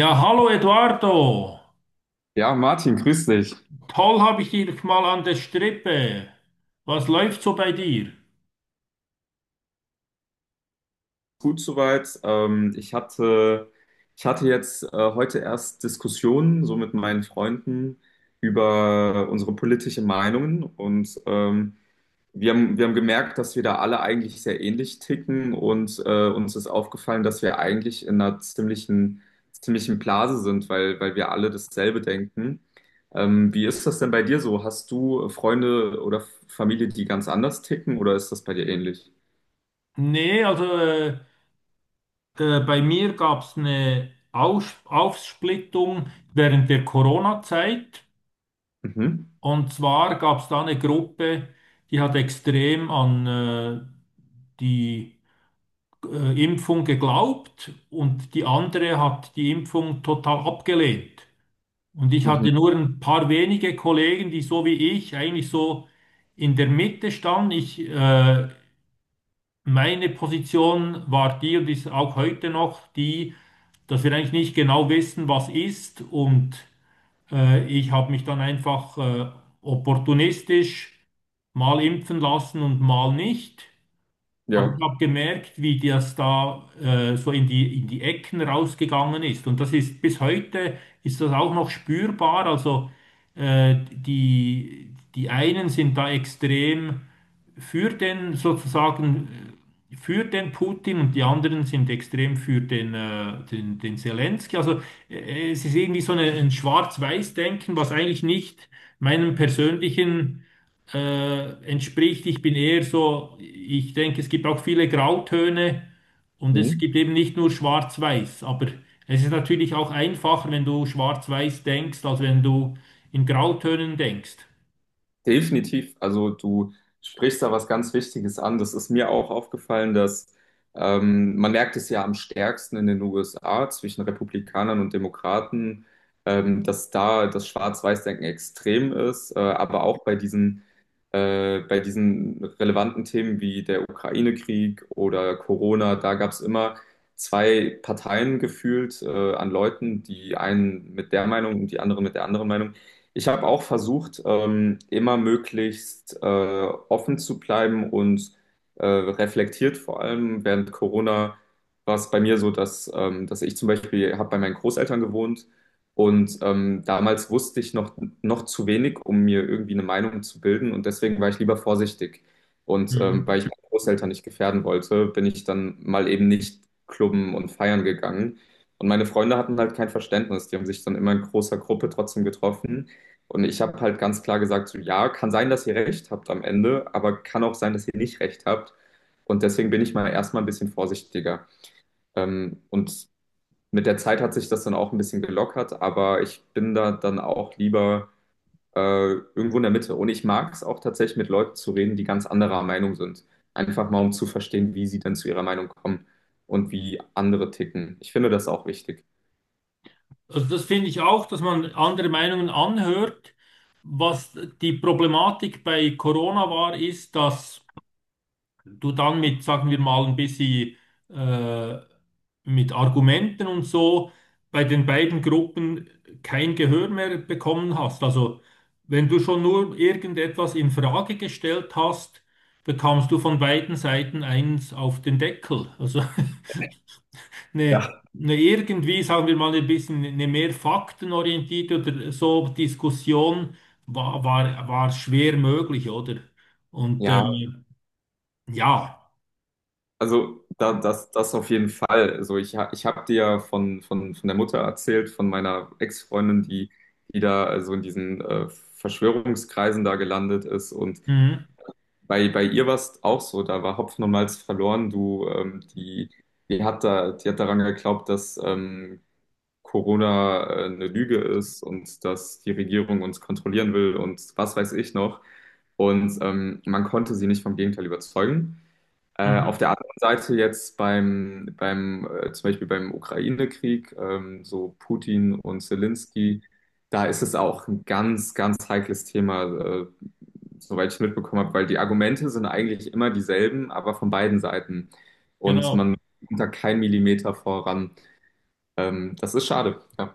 Ja, hallo Eduardo. Ja, Martin, grüß dich. Toll habe ich dich mal an der Strippe. Was läuft so bei dir? Gut soweit. Ich hatte jetzt heute erst Diskussionen so mit meinen Freunden über unsere politischen Meinungen und wir haben gemerkt, dass wir da alle eigentlich sehr ähnlich ticken und uns ist aufgefallen, dass wir eigentlich in einer ziemlichen Blase sind, weil wir alle dasselbe denken. Wie ist das denn bei dir so? Hast du Freunde oder Familie, die ganz anders ticken oder ist das bei dir ähnlich? Nee, also da, bei mir gab es eine Aus Aufsplittung während der Corona-Zeit. Mhm. Und zwar gab es da eine Gruppe, die hat extrem an die Impfung geglaubt und die andere hat die Impfung total abgelehnt. Und ich Mhm. hatte nur ein paar wenige Kollegen, die so wie ich eigentlich so in der Mitte standen. Ich, meine Position war die und ist auch heute noch die, dass wir eigentlich nicht genau wissen, was ist. Und ich habe mich dann einfach opportunistisch mal impfen lassen und mal nicht. Aber Ja, ich habe gemerkt, wie das da so in die Ecken rausgegangen ist. Und das ist bis heute ist das auch noch spürbar. Also die, die einen sind da extrem für den sozusagen. äh, für den Putin und die anderen sind extrem für den, den Zelensky. Also es ist irgendwie so eine, ein Schwarz-Weiß-Denken, was eigentlich nicht meinem persönlichen entspricht. Ich bin eher so, ich denke, es gibt auch viele Grautöne und es mhm. gibt eben nicht nur Schwarz-Weiß. Aber es ist natürlich auch einfacher, wenn du Schwarz-Weiß denkst, als wenn du in Grautönen denkst. Definitiv. Also du sprichst da was ganz Wichtiges an. Das ist mir auch aufgefallen, dass man merkt es ja am stärksten in den USA zwischen Republikanern und Demokraten, dass da das Schwarz-Weiß-Denken extrem ist, aber auch bei bei diesen relevanten Themen wie der Ukraine-Krieg oder Corona. Da gab es immer zwei Parteien gefühlt an Leuten, die einen mit der Meinung und die anderen mit der anderen Meinung. Ich habe auch versucht, immer möglichst offen zu bleiben und reflektiert. Vor allem während Corona war es bei mir so, dass dass ich zum Beispiel habe bei meinen Großeltern gewohnt und damals wusste ich noch zu wenig, um mir irgendwie eine Meinung zu bilden, und deswegen war ich lieber vorsichtig. Und Mhm. weil ich meine Großeltern nicht gefährden wollte, bin ich dann mal eben nicht klubben und feiern gegangen. Und meine Freunde hatten halt kein Verständnis. Die haben sich dann immer in großer Gruppe trotzdem getroffen. Und ich habe halt ganz klar gesagt, so ja, kann sein, dass ihr recht habt am Ende, aber kann auch sein, dass ihr nicht recht habt. Und deswegen bin ich mal erstmal ein bisschen vorsichtiger. Und mit der Zeit hat sich das dann auch ein bisschen gelockert, aber ich bin da dann auch lieber äh, irgendwo in der Mitte. Und ich mag es auch tatsächlich mit Leuten zu reden, die ganz anderer Meinung sind. Einfach mal, um zu verstehen, wie sie dann zu ihrer Meinung kommen und wie andere ticken. Ich finde das auch wichtig. Also das finde ich auch, dass man andere Meinungen anhört. Was die Problematik bei Corona war, ist, dass du dann mit, sagen wir mal, ein bisschen äh, mit Argumenten und so bei den beiden Gruppen kein Gehör mehr bekommen hast. Also wenn du schon nur irgendetwas in Frage gestellt hast, bekommst du von beiden Seiten eins auf den Deckel. Also eine, eine irgendwie, sagen wir mal, ein bisschen eine mehr faktenorientierte oder so Diskussion war schwer möglich, oder? Und Ja, ja. also das auf jeden Fall. Also ich habe dir ja von der Mutter erzählt, von meiner Ex-Freundin, die da also in diesen Verschwörungskreisen da gelandet ist. Und Mhm, bei ihr war es auch so, da war Hopfen und Malz verloren. Du, die hat daran geglaubt, dass Corona eine Lüge ist und dass die Regierung uns kontrollieren will und was weiß ich noch. Und man konnte sie nicht vom Gegenteil überzeugen. Auf mhm, der anderen Seite jetzt beim zum Beispiel beim Ukraine-Krieg, so Putin und Zelensky, da ist es auch ein ganz heikles Thema, äh, soweit ich mitbekommen habe, weil die Argumente sind eigentlich immer dieselben, aber von beiden Seiten. Und genau. man kommt da keinen Millimeter voran. Das ist schade. Ja,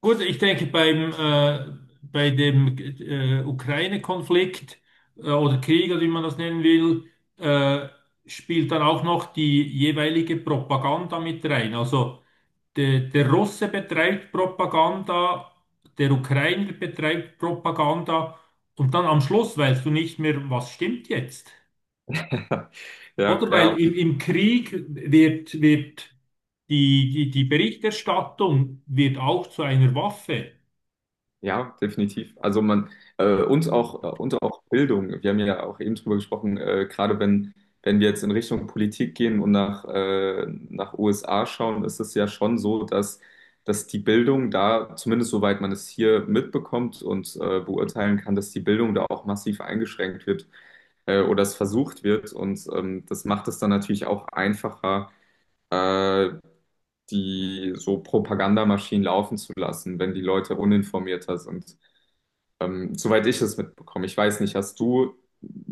Gut, ich denke, beim, bei dem Ukraine-Konflikt oder Krieg, oder wie man das nennen will, äh, spielt dann auch noch die jeweilige Propaganda mit rein. Also der, der Russe betreibt Propaganda, der Ukrainer betreibt Propaganda und dann am Schluss weißt du nicht mehr, was stimmt jetzt. Oder ja. weil im, im Krieg wird die, die Berichterstattung wird auch zu einer Waffe. Ja, definitiv. Also man uns auch und auch Bildung. Wir haben ja auch eben drüber gesprochen, gerade wenn wir jetzt in Richtung Politik gehen und nach nach USA schauen, ist es ja schon so, dass die Bildung da, zumindest soweit man es hier mitbekommt und beurteilen kann, dass die Bildung da auch massiv eingeschränkt wird, oder es versucht wird, und das macht es dann natürlich auch einfacher, äh, die so Propagandamaschinen laufen zu lassen, wenn die Leute uninformierter sind. Soweit ich es mitbekomme. Ich weiß nicht, hast du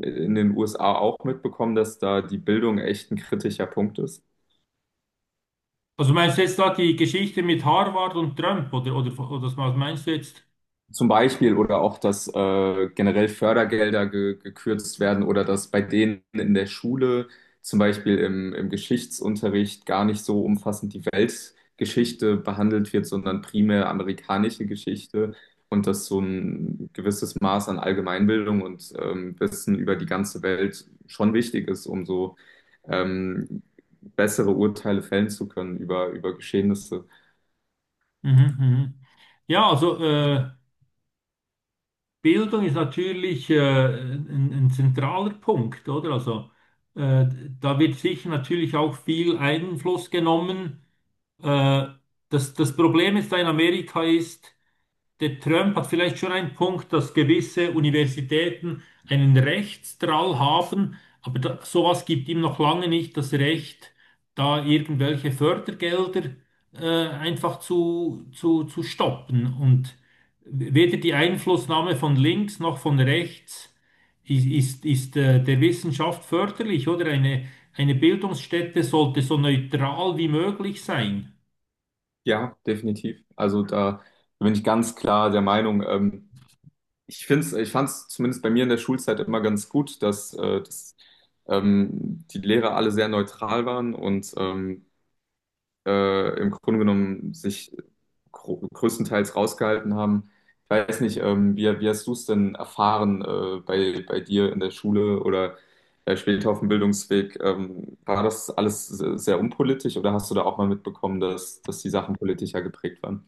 in den USA auch mitbekommen, dass da die Bildung echt ein kritischer Punkt ist? Also meinst du jetzt da die Geschichte mit Harvard und Trump oder, oder was meinst du jetzt? Zum Beispiel, oder auch, dass generell Fördergelder ge gekürzt werden, oder dass bei denen in der Schule, zum Beispiel im Geschichtsunterricht, gar nicht so umfassend die Weltgeschichte behandelt wird, sondern primär amerikanische Geschichte, und dass so ein gewisses Maß an Allgemeinbildung und Wissen über die ganze Welt schon wichtig ist, um so ähm, bessere Urteile fällen zu können über, über Geschehnisse. Mhm, mhm. Ja, also Bildung ist natürlich ein zentraler Punkt, oder? Also äh, da wird sicher natürlich auch viel Einfluss genommen. Äh, Das, das Problem ist da in Amerika ist, der Trump hat vielleicht schon einen Punkt, dass gewisse Universitäten einen Rechtsdrall haben, aber da, sowas gibt ihm noch lange nicht das Recht, da irgendwelche Fördergelder einfach zu, zu stoppen. Und weder die Einflussnahme von links noch von rechts ist der Wissenschaft förderlich, oder? Eine Bildungsstätte sollte so neutral wie möglich sein. Ja, definitiv. Also da bin ich ganz klar der Meinung. Ich find's, ich fand es zumindest bei mir in der Schulzeit immer ganz gut, dass die Lehrer alle sehr neutral waren und im Grunde genommen sich größtenteils rausgehalten haben. Ich weiß nicht, wie hast du es denn erfahren bei dir in der Schule oder später auf dem Bildungsweg? War das alles sehr unpolitisch, oder hast du da auch mal mitbekommen, dass die Sachen politischer geprägt waren?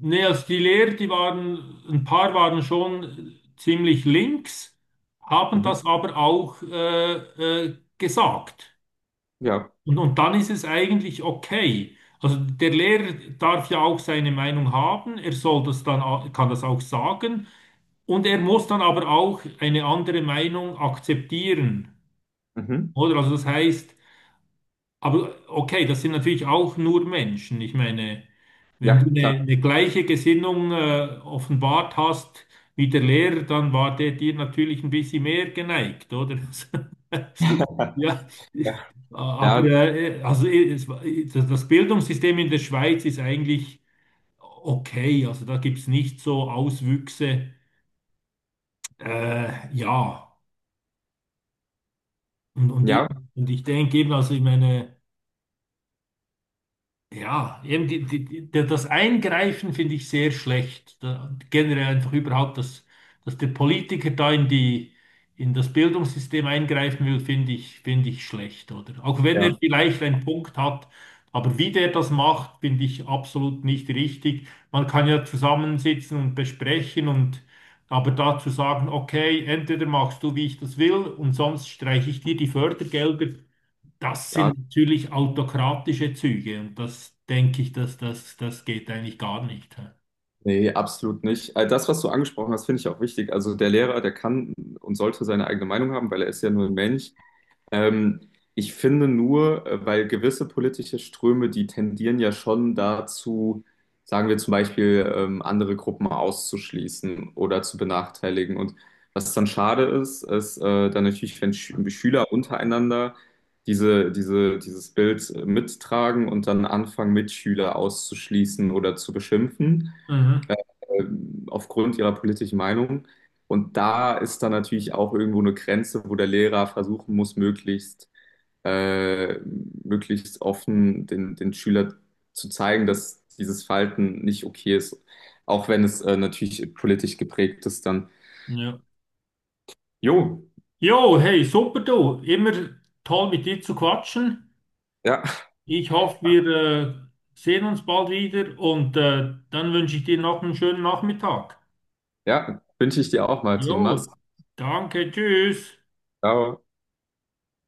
Nee, also die Lehrer, die waren, ein paar waren schon ziemlich links, haben Mhm. das aber auch gesagt. Ja. Und dann ist es eigentlich okay. Also der Lehrer darf ja auch seine Meinung haben, er soll das dann, au- kann das auch sagen und er muss dann aber auch eine andere Meinung akzeptieren. Mhm. Oder also das heißt, aber okay, das sind natürlich auch nur Menschen. Ich meine, wenn Ja, du klar. Eine gleiche Gesinnung offenbart hast wie der Lehrer, dann war der dir natürlich ein bisschen mehr geneigt, oder? Ja, Ja, ja, aber es, war- das das Bildungssystem in der Schweiz ist eigentlich okay. Also da gibt es nicht so Auswüchse. Ja, und, und, ich, ja, und ich denke eben, also ich meine. Ja, eben das Eingreifen finde ich sehr schlecht. Da, generell einfach überhaupt, dass, dass der Politiker da in die, in das Bildungssystem eingreifen will, finde ich schlecht, oder? Auch wenn er ja, vielleicht einen Punkt hat, aber wie der das macht, finde ich absolut nicht richtig. Man kann ja zusammensitzen und besprechen und aber dazu sagen, okay, entweder machst du, wie ich das will, und sonst streiche ich dir die Fördergelder. Das ja, sind natürlich autokratische Züge und das denke ich, dass das geht eigentlich gar nicht. Hä? nee, absolut nicht. Das, was du angesprochen hast, finde ich auch wichtig. Also der Lehrer, der kann und sollte seine eigene Meinung haben, weil er ist ja nur ein Mensch. Ähm, ich finde nur, weil gewisse politische Ströme, die tendieren ja schon dazu, sagen wir zum Beispiel, andere Gruppen auszuschließen oder zu benachteiligen. Und was dann schade ist, ist dann natürlich, wenn Schüler untereinander dieses Bild mittragen und dann anfangen, Mitschüler auszuschließen oder zu beschimpfen, äh, Mhm. äh, aufgrund ihrer politischen Meinung. Und da ist dann natürlich auch irgendwo eine Grenze, wo der Lehrer versuchen muss, möglichst offen den, den Schüler zu zeigen, dass dieses Verhalten nicht okay ist. Auch wenn es natürlich politisch geprägt ist, dann. Ja. Jo, Jo, hey, super du. Immer toll mit dir zu quatschen. ja, Ich hoffe, wir sehen uns bald wieder und dann wünsche ich dir noch einen schönen Nachmittag. ja, wünsche ich dir auch, Jo, Martin. Mach's gut. danke, tschüss. Ciao.